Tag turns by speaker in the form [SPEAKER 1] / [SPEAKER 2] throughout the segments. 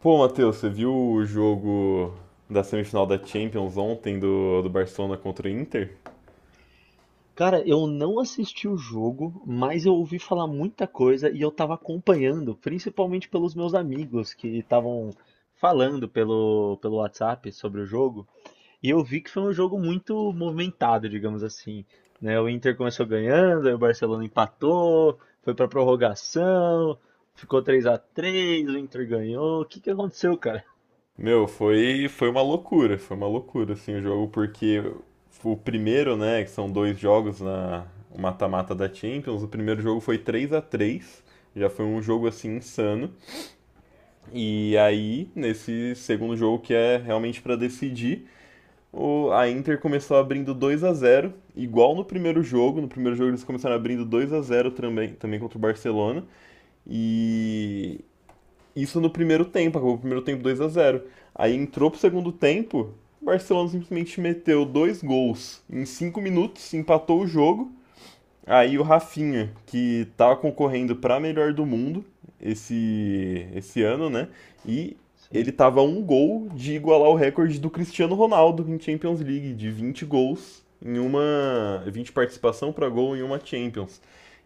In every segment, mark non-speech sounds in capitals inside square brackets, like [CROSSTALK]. [SPEAKER 1] Pô, Matheus, você viu o jogo da semifinal da Champions ontem do Barcelona contra o Inter?
[SPEAKER 2] Cara, eu não assisti o jogo, mas eu ouvi falar muita coisa e eu tava acompanhando, principalmente pelos meus amigos que estavam falando pelo WhatsApp sobre o jogo. E eu vi que foi um jogo muito movimentado, digamos assim, né? O Inter começou ganhando, aí o Barcelona empatou, foi pra prorrogação, ficou 3-3, o Inter ganhou. O que que aconteceu, cara?
[SPEAKER 1] Meu, foi uma loucura, foi uma loucura assim o jogo, porque o primeiro, né, que são dois jogos na o mata-mata da Champions, o primeiro jogo foi 3 a 3, já foi um jogo assim insano. E aí, nesse segundo jogo que é realmente pra decidir, a Inter começou abrindo 2 a zero igual no primeiro jogo. No primeiro jogo eles começaram abrindo 2 a zero também contra o Barcelona. E isso no primeiro tempo, acabou o primeiro tempo 2 a zero. Aí entrou pro segundo tempo, o Barcelona simplesmente meteu dois gols em 5 minutos, empatou o jogo. Aí o Rafinha, que tá concorrendo para melhor do mundo esse ano, né? E ele
[SPEAKER 2] Sim.
[SPEAKER 1] tava a um gol de igualar o recorde do Cristiano Ronaldo em Champions League, de 20 gols em uma. Vinte participação para gol em uma Champions.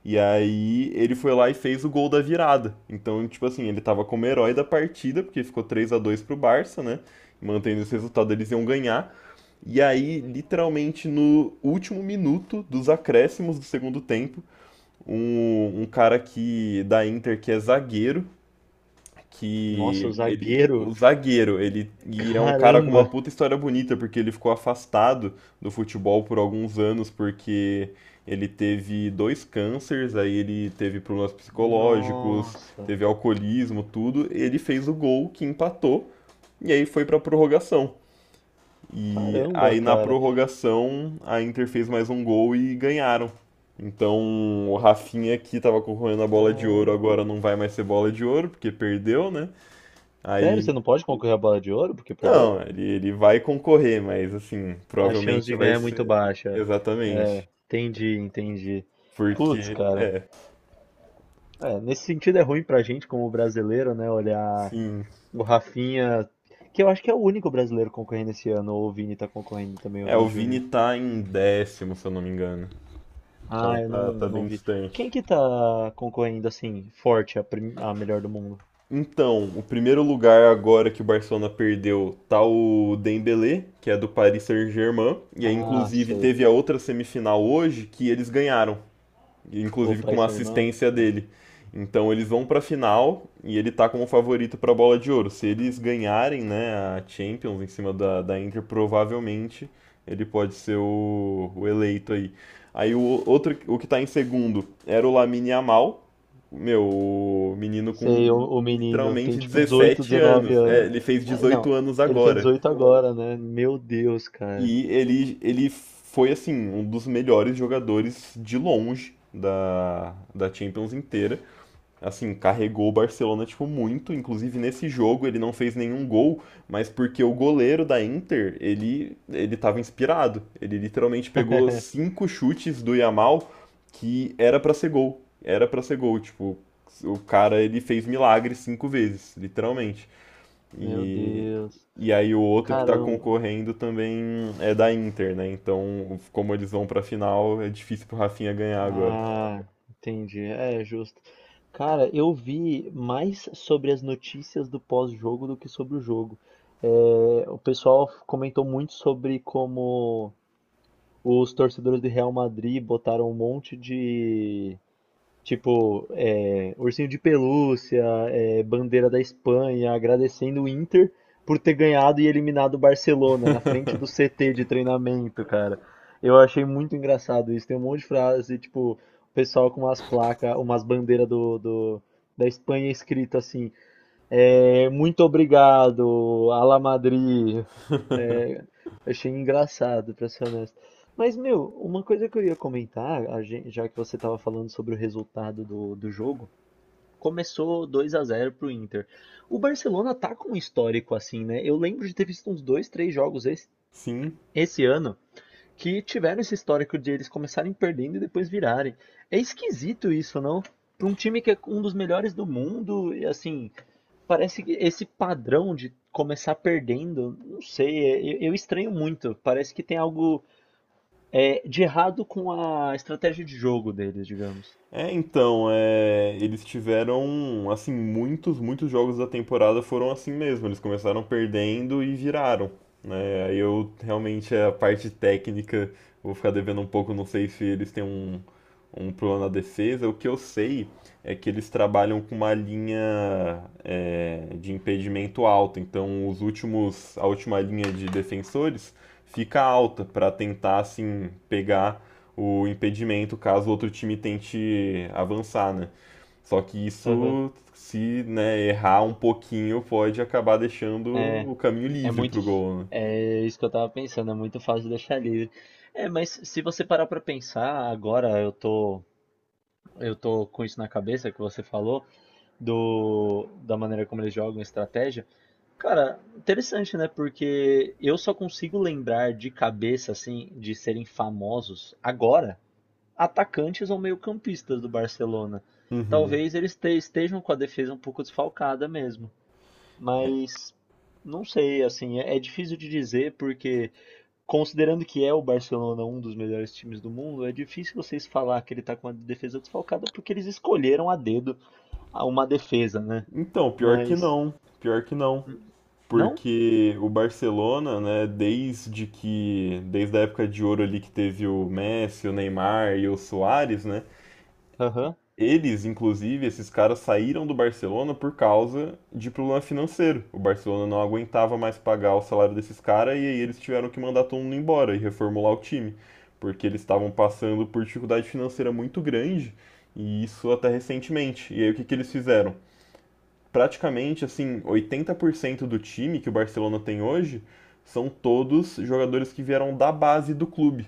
[SPEAKER 1] E aí ele foi lá e fez o gol da virada. Então, tipo assim, ele tava como herói da partida, porque ficou 3 a 2 pro Barça, né? Mantendo esse resultado, eles iam ganhar. E aí, literalmente no último minuto dos acréscimos do segundo tempo, um cara que da Inter que é zagueiro,
[SPEAKER 2] Nossa, o
[SPEAKER 1] que ele,
[SPEAKER 2] zagueiro.
[SPEAKER 1] o zagueiro, ele é um cara com uma
[SPEAKER 2] Caramba.
[SPEAKER 1] puta história bonita, porque ele ficou afastado do futebol por alguns anos porque ele teve dois cânceres, aí ele teve problemas psicológicos,
[SPEAKER 2] Nossa.
[SPEAKER 1] teve alcoolismo, tudo. Ele fez o gol que empatou e aí foi pra prorrogação. E
[SPEAKER 2] Caramba,
[SPEAKER 1] aí na
[SPEAKER 2] cara.
[SPEAKER 1] prorrogação a Inter fez mais um gol e ganharam. Então o Rafinha que tava concorrendo a bola de ouro
[SPEAKER 2] Ah,
[SPEAKER 1] agora não vai mais ser bola de ouro porque perdeu, né?
[SPEAKER 2] sério,
[SPEAKER 1] Aí
[SPEAKER 2] você não pode concorrer à bola de ouro porque perdeu?
[SPEAKER 1] não, ele vai concorrer, mas assim,
[SPEAKER 2] A chance
[SPEAKER 1] provavelmente
[SPEAKER 2] de
[SPEAKER 1] vai
[SPEAKER 2] ganhar é muito
[SPEAKER 1] ser
[SPEAKER 2] baixa. É,
[SPEAKER 1] exatamente.
[SPEAKER 2] entendi, entendi. Putz,
[SPEAKER 1] Porque
[SPEAKER 2] cara.
[SPEAKER 1] é,
[SPEAKER 2] É, nesse sentido é ruim pra gente como brasileiro, né? Olhar
[SPEAKER 1] sim.
[SPEAKER 2] o Rafinha, que eu acho que é o único brasileiro concorrendo esse ano, ou o Vini tá concorrendo também, o
[SPEAKER 1] É, o
[SPEAKER 2] Vini
[SPEAKER 1] Vini
[SPEAKER 2] Júnior.
[SPEAKER 1] tá em décimo, se eu não me engano. Então
[SPEAKER 2] Ah, eu não,
[SPEAKER 1] tá, tá
[SPEAKER 2] não
[SPEAKER 1] bem
[SPEAKER 2] vi. Quem
[SPEAKER 1] distante.
[SPEAKER 2] que tá concorrendo assim, forte, a melhor do mundo?
[SPEAKER 1] Então, o primeiro lugar agora que o Barcelona perdeu tá o Dembélé, que é do Paris Saint-Germain, e aí
[SPEAKER 2] Ah,
[SPEAKER 1] inclusive
[SPEAKER 2] sei.
[SPEAKER 1] teve a outra semifinal hoje que eles ganharam
[SPEAKER 2] O
[SPEAKER 1] inclusive com
[SPEAKER 2] Paris
[SPEAKER 1] uma
[SPEAKER 2] Saint-Germain?
[SPEAKER 1] assistência
[SPEAKER 2] Tá.
[SPEAKER 1] dele. Então eles vão para a final e ele está como favorito para a bola de ouro. Se eles ganharem, né, a Champions em cima da Inter, provavelmente ele pode ser o eleito aí. Aí o outro, o que está em segundo era o Lamine Yamal, meu, o menino com
[SPEAKER 2] Sei, o menino tem
[SPEAKER 1] literalmente
[SPEAKER 2] tipo 18,
[SPEAKER 1] 17
[SPEAKER 2] 19
[SPEAKER 1] anos. É,
[SPEAKER 2] anos.
[SPEAKER 1] ele fez
[SPEAKER 2] É, não,
[SPEAKER 1] 18 anos
[SPEAKER 2] ele fez
[SPEAKER 1] agora.
[SPEAKER 2] 18 agora, né? Meu Deus, cara.
[SPEAKER 1] E ele foi, assim, um dos melhores jogadores de longe da Champions inteira. Assim, carregou o Barcelona, tipo, muito. Inclusive, nesse jogo, ele não fez nenhum gol, mas porque o goleiro da Inter, ele tava inspirado. Ele literalmente pegou
[SPEAKER 2] [LAUGHS]
[SPEAKER 1] cinco chutes do Yamal que era pra ser gol. Era pra ser gol, tipo, o cara, ele fez milagre cinco vezes, literalmente.
[SPEAKER 2] Meu
[SPEAKER 1] E,
[SPEAKER 2] Deus.
[SPEAKER 1] e aí o outro que está
[SPEAKER 2] Caramba.
[SPEAKER 1] concorrendo também é da Inter, né? Então, como eles vão pra final, é difícil pro Rafinha ganhar agora.
[SPEAKER 2] Ah, entendi. É justo. Cara, eu vi mais sobre as notícias do pós-jogo do que sobre o jogo. É, o pessoal comentou muito sobre como os torcedores do Real Madrid botaram um monte de tipo, é, ursinho de pelúcia, é, bandeira da Espanha, agradecendo o Inter por ter ganhado e eliminado o Barcelona na frente do CT de treinamento, cara. Eu achei muito engraçado isso. Tem um monte de frase, tipo, o pessoal com umas placas, umas bandeiras da Espanha, escrito assim: é, muito obrigado, Ala Madrid, é,
[SPEAKER 1] [LAUGHS]
[SPEAKER 2] achei engraçado, pra ser honesto. Mas, meu, uma coisa que eu ia comentar, já que você tava falando sobre o resultado do jogo, começou dois a 0 pro Inter. O Barcelona tá com um histórico assim, né? Eu lembro de ter visto uns dois, três jogos esse,
[SPEAKER 1] Sim,
[SPEAKER 2] esse ano que tiveram esse histórico de eles começarem perdendo e depois virarem. É esquisito isso, não? Para um time que é um dos melhores do mundo, e assim, parece que esse padrão de começar perdendo, não sei, eu estranho muito. Parece que tem algo, é, de errado com a estratégia de jogo deles, digamos.
[SPEAKER 1] é, então, é, eles tiveram, assim, muitos, muitos jogos da temporada foram assim mesmo. Eles começaram perdendo e viraram, né? Aí eu realmente a parte técnica vou ficar devendo um pouco, não sei se eles têm um plano na defesa. O que eu sei é que eles trabalham com uma linha de impedimento alta. Então, a última linha de defensores fica alta para tentar assim pegar o impedimento caso o outro time tente avançar, né? Só que
[SPEAKER 2] Aham.
[SPEAKER 1] isso, se né, errar um pouquinho, pode acabar deixando
[SPEAKER 2] É,
[SPEAKER 1] o caminho
[SPEAKER 2] é
[SPEAKER 1] livre
[SPEAKER 2] muito.
[SPEAKER 1] pro gol, né?
[SPEAKER 2] É isso que eu tava pensando, é muito fácil deixar livre. É, mas se você parar pra pensar, agora eu tô com isso na cabeça que você falou. Do, da maneira como eles jogam estratégia. Cara, interessante, né? Porque eu só consigo lembrar de cabeça, assim, de serem famosos agora, atacantes ou meio-campistas do Barcelona.
[SPEAKER 1] Uhum.
[SPEAKER 2] Talvez estejam com a defesa um pouco desfalcada mesmo.
[SPEAKER 1] É,
[SPEAKER 2] Mas não sei, assim, é difícil de dizer porque, considerando que é o Barcelona um dos melhores times do mundo, é difícil vocês falar que ele tá com a defesa desfalcada porque eles escolheram a dedo a uma defesa, né?
[SPEAKER 1] então, pior que
[SPEAKER 2] Mas.
[SPEAKER 1] não. Pior que não.
[SPEAKER 2] Não?
[SPEAKER 1] Porque o Barcelona, né, desde que. Desde a época de ouro ali que teve o Messi, o Neymar e o Soares, né?
[SPEAKER 2] Aham.
[SPEAKER 1] Eles, inclusive, esses caras saíram do Barcelona por causa de problema financeiro. O Barcelona não aguentava mais pagar o salário desses caras e aí eles tiveram que mandar todo mundo embora e reformular o time, porque eles estavam passando por dificuldade financeira muito grande e isso até recentemente. E aí o que que eles fizeram? Praticamente assim, 80% do time que o Barcelona tem hoje são todos jogadores que vieram da base do clube.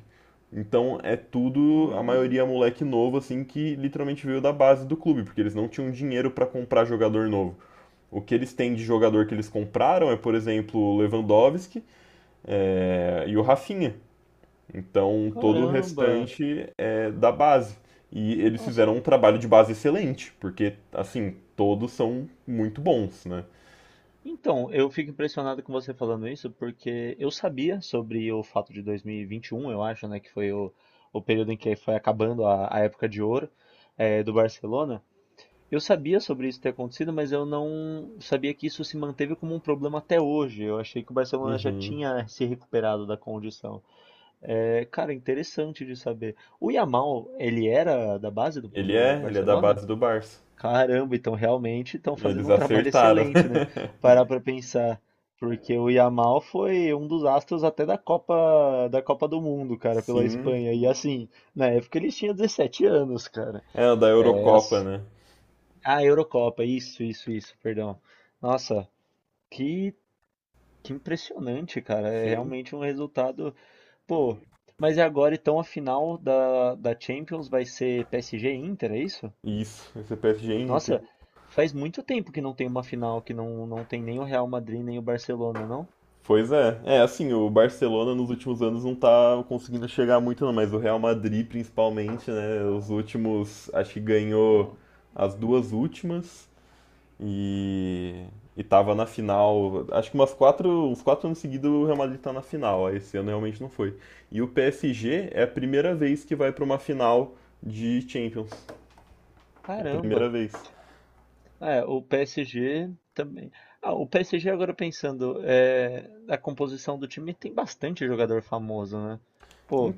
[SPEAKER 1] Então é tudo, a
[SPEAKER 2] Ah,
[SPEAKER 1] maioria é moleque novo assim que literalmente veio da base do clube, porque eles não tinham dinheiro para comprar jogador novo. O que eles têm de jogador que eles compraram é, por exemplo, o Lewandowski e o Rafinha. Então todo o
[SPEAKER 2] caramba!
[SPEAKER 1] restante é da base. E eles
[SPEAKER 2] Nossa.
[SPEAKER 1] fizeram um trabalho de base excelente, porque assim, todos são muito bons, né?
[SPEAKER 2] Então, eu fico impressionado com você falando isso, porque eu sabia sobre o fato de 2021, eu acho, né? Que foi o período em que foi acabando a época de ouro, do Barcelona. Eu sabia sobre isso ter acontecido, mas eu não sabia que isso se manteve como um problema até hoje. Eu achei que o Barcelona já
[SPEAKER 1] Uhum.
[SPEAKER 2] tinha se recuperado da condição. É, cara, interessante de saber. O Yamal, ele era da base do,
[SPEAKER 1] Ele
[SPEAKER 2] do
[SPEAKER 1] é, ele é da
[SPEAKER 2] Barcelona?
[SPEAKER 1] base do Barça.
[SPEAKER 2] Caramba, então realmente estão fazendo
[SPEAKER 1] Eles
[SPEAKER 2] um trabalho
[SPEAKER 1] acertaram.
[SPEAKER 2] excelente, né?
[SPEAKER 1] [LAUGHS]
[SPEAKER 2] Parar pra pensar. Porque o Yamal foi um dos astros até da Copa do Mundo, cara, pela
[SPEAKER 1] Sim.
[SPEAKER 2] Espanha. E assim, na época eles tinham 17 anos, cara.
[SPEAKER 1] É, da
[SPEAKER 2] É,
[SPEAKER 1] Eurocopa, né?
[SPEAKER 2] ah, Eurocopa, isso, perdão. Nossa, que, que impressionante, cara. É
[SPEAKER 1] Sim.
[SPEAKER 2] realmente um resultado. Pô, mas e agora então a final da Champions vai ser PSG e Inter, é isso?
[SPEAKER 1] Isso, esse é PSG e Inter.
[SPEAKER 2] Nossa, faz muito tempo que não tem uma final que não tem nem o Real Madrid nem o Barcelona, não?
[SPEAKER 1] Pois é. É, assim, o Barcelona nos últimos anos não tá conseguindo chegar muito, não, mas o Real Madrid, principalmente, né? Os últimos, acho que ganhou
[SPEAKER 2] Ah,
[SPEAKER 1] as duas últimas. E, e tava na final, acho que uns quatro anos seguidos o Real Madrid tá na final, aí esse ano realmente não foi. E o PSG é a primeira vez que vai pra uma final de Champions. É a
[SPEAKER 2] caramba.
[SPEAKER 1] primeira vez.
[SPEAKER 2] É, o PSG também. Ah, o PSG agora pensando, é, a composição do time tem bastante jogador famoso, né? Pô,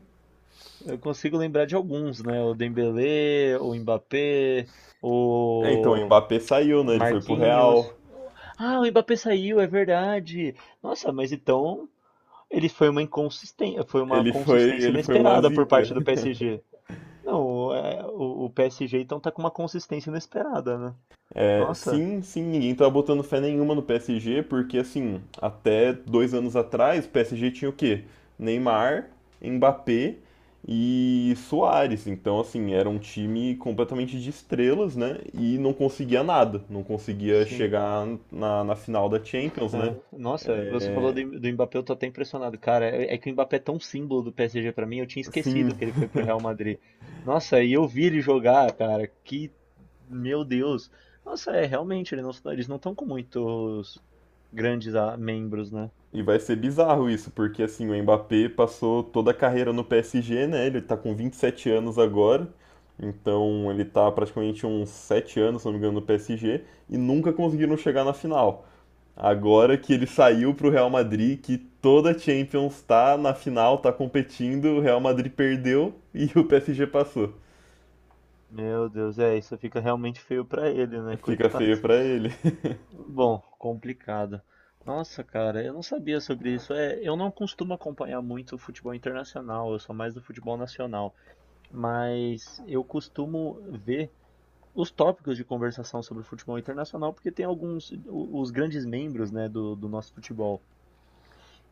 [SPEAKER 2] eu consigo lembrar de alguns, né? O Dembélé, o Mbappé,
[SPEAKER 1] É, então o
[SPEAKER 2] o
[SPEAKER 1] Mbappé saiu, né? Ele foi pro
[SPEAKER 2] Marquinhos.
[SPEAKER 1] Real.
[SPEAKER 2] Ah, o Mbappé saiu, é verdade. Nossa, mas então ele foi uma inconsistência, foi uma
[SPEAKER 1] Ele foi,
[SPEAKER 2] consistência
[SPEAKER 1] ele foi uma
[SPEAKER 2] inesperada por
[SPEAKER 1] zica.
[SPEAKER 2] parte do
[SPEAKER 1] [LAUGHS]
[SPEAKER 2] PSG. Não, é, o PSG então tá com uma consistência inesperada, né?
[SPEAKER 1] É,
[SPEAKER 2] Nossa,
[SPEAKER 1] sim, sim, ninguém tava botando fé nenhuma no PSG, porque assim, até dois anos atrás, o PSG tinha o quê? Neymar, Mbappé e Soares. Então, assim, era um time completamente de estrelas, né? E não conseguia nada, não conseguia
[SPEAKER 2] sim.
[SPEAKER 1] chegar na final da Champions, né?
[SPEAKER 2] É. Nossa, você falou do Mbappé, eu tô até impressionado, cara. É, é que o Mbappé é tão símbolo do PSG pra mim, eu tinha
[SPEAKER 1] Sim,
[SPEAKER 2] esquecido que ele foi pro Real Madrid. Nossa, e eu vi ele jogar, cara. Que, meu Deus. Nossa, é realmente, eles não estão com muitos grandes, membros, né?
[SPEAKER 1] e vai ser bizarro isso, porque assim, o Mbappé passou toda a carreira no PSG, né? Ele tá com 27 anos agora, então ele tá praticamente uns 7 anos, se não me engano, no PSG, e nunca conseguiram chegar na final. Agora que ele saiu pro Real Madrid, que toda a Champions tá na final, tá competindo, o Real Madrid perdeu e [LAUGHS] o PSG passou.
[SPEAKER 2] Meu Deus, é, isso fica realmente feio pra ele, né, [LAUGHS]
[SPEAKER 1] Fica
[SPEAKER 2] coitado.
[SPEAKER 1] feio pra ele. [LAUGHS]
[SPEAKER 2] Bom, complicado. Nossa, cara, eu não sabia sobre isso. É, eu não costumo acompanhar muito o futebol internacional, eu sou mais do futebol nacional, mas eu costumo ver os tópicos de conversação sobre o futebol internacional porque tem alguns os grandes membros, né, do nosso futebol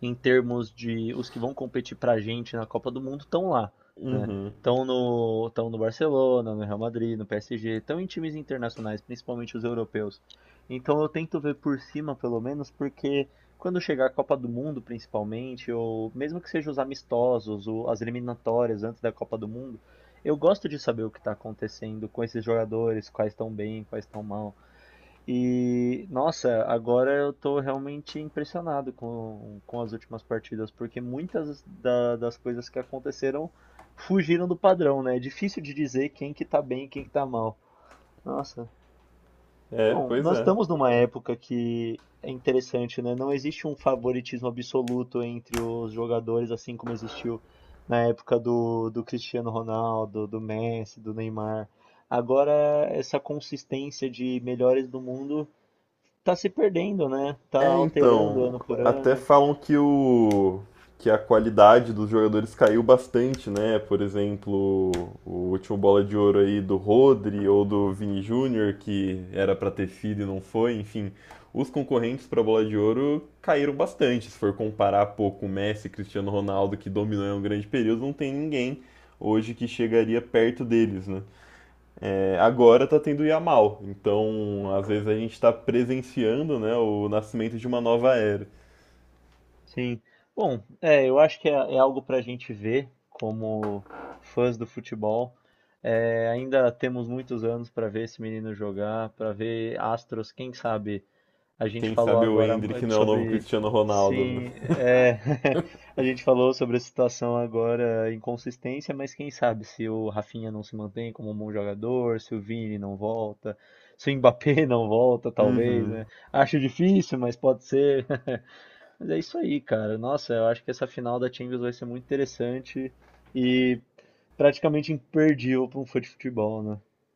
[SPEAKER 2] em termos de os que vão competir para a gente na Copa do Mundo estão lá, né?
[SPEAKER 1] Uhum.
[SPEAKER 2] Estão tão no Barcelona, no Real Madrid, no PSG, estão em times internacionais, principalmente os europeus. Então eu tento ver por cima, pelo menos, porque quando chegar a Copa do Mundo, principalmente, ou mesmo que sejam os amistosos, ou as eliminatórias antes da Copa do Mundo, eu gosto de saber o que está acontecendo com esses jogadores, quais estão bem, quais estão mal, e, nossa, agora eu tô realmente impressionado com as últimas partidas, porque muitas das coisas que aconteceram fugiram do padrão, né? É difícil de dizer quem que tá bem e quem que tá mal. Nossa.
[SPEAKER 1] É,
[SPEAKER 2] Bom,
[SPEAKER 1] pois
[SPEAKER 2] nós
[SPEAKER 1] é.
[SPEAKER 2] estamos numa época que é interessante, né? Não existe um favoritismo absoluto entre os jogadores, assim como existiu na época do Cristiano Ronaldo, do Messi, do Neymar. Agora, essa consistência de melhores do mundo tá se perdendo, né? Tá
[SPEAKER 1] É,
[SPEAKER 2] alterando
[SPEAKER 1] então,
[SPEAKER 2] ano por
[SPEAKER 1] até
[SPEAKER 2] ano.
[SPEAKER 1] falam que a qualidade dos jogadores caiu bastante, né? Por exemplo, o último bola de ouro aí do Rodri ou do Vini Júnior, que era pra ter sido e não foi, enfim. Os concorrentes pra bola de ouro caíram bastante. Se for comparar pouco o Messi, Cristiano Ronaldo, que dominou em um grande período, não tem ninguém hoje que chegaria perto deles, né? É, agora tá tendo Yamal, então às vezes a gente tá presenciando, né, o nascimento de uma nova era.
[SPEAKER 2] Sim. Bom, é, eu acho que é algo para a gente ver como fãs do futebol. É, ainda temos muitos anos para ver esse menino jogar, para ver astros, quem sabe. A gente
[SPEAKER 1] Quem
[SPEAKER 2] falou
[SPEAKER 1] sabe o
[SPEAKER 2] agora,
[SPEAKER 1] Endrick não é o novo
[SPEAKER 2] sobre.
[SPEAKER 1] Cristiano Ronaldo, né?
[SPEAKER 2] Sim, é. [LAUGHS] A gente falou sobre a situação agora, inconsistência, mas quem sabe se o Rafinha não se mantém como um bom jogador, se o Vini não volta, se o Mbappé [LAUGHS] não volta, talvez,
[SPEAKER 1] Uhum.
[SPEAKER 2] né? Acho difícil, mas pode ser. [LAUGHS] Mas é isso aí, cara. Nossa, eu acho que essa final da Champions vai ser muito interessante e praticamente imperdível para um fã de futebol, né?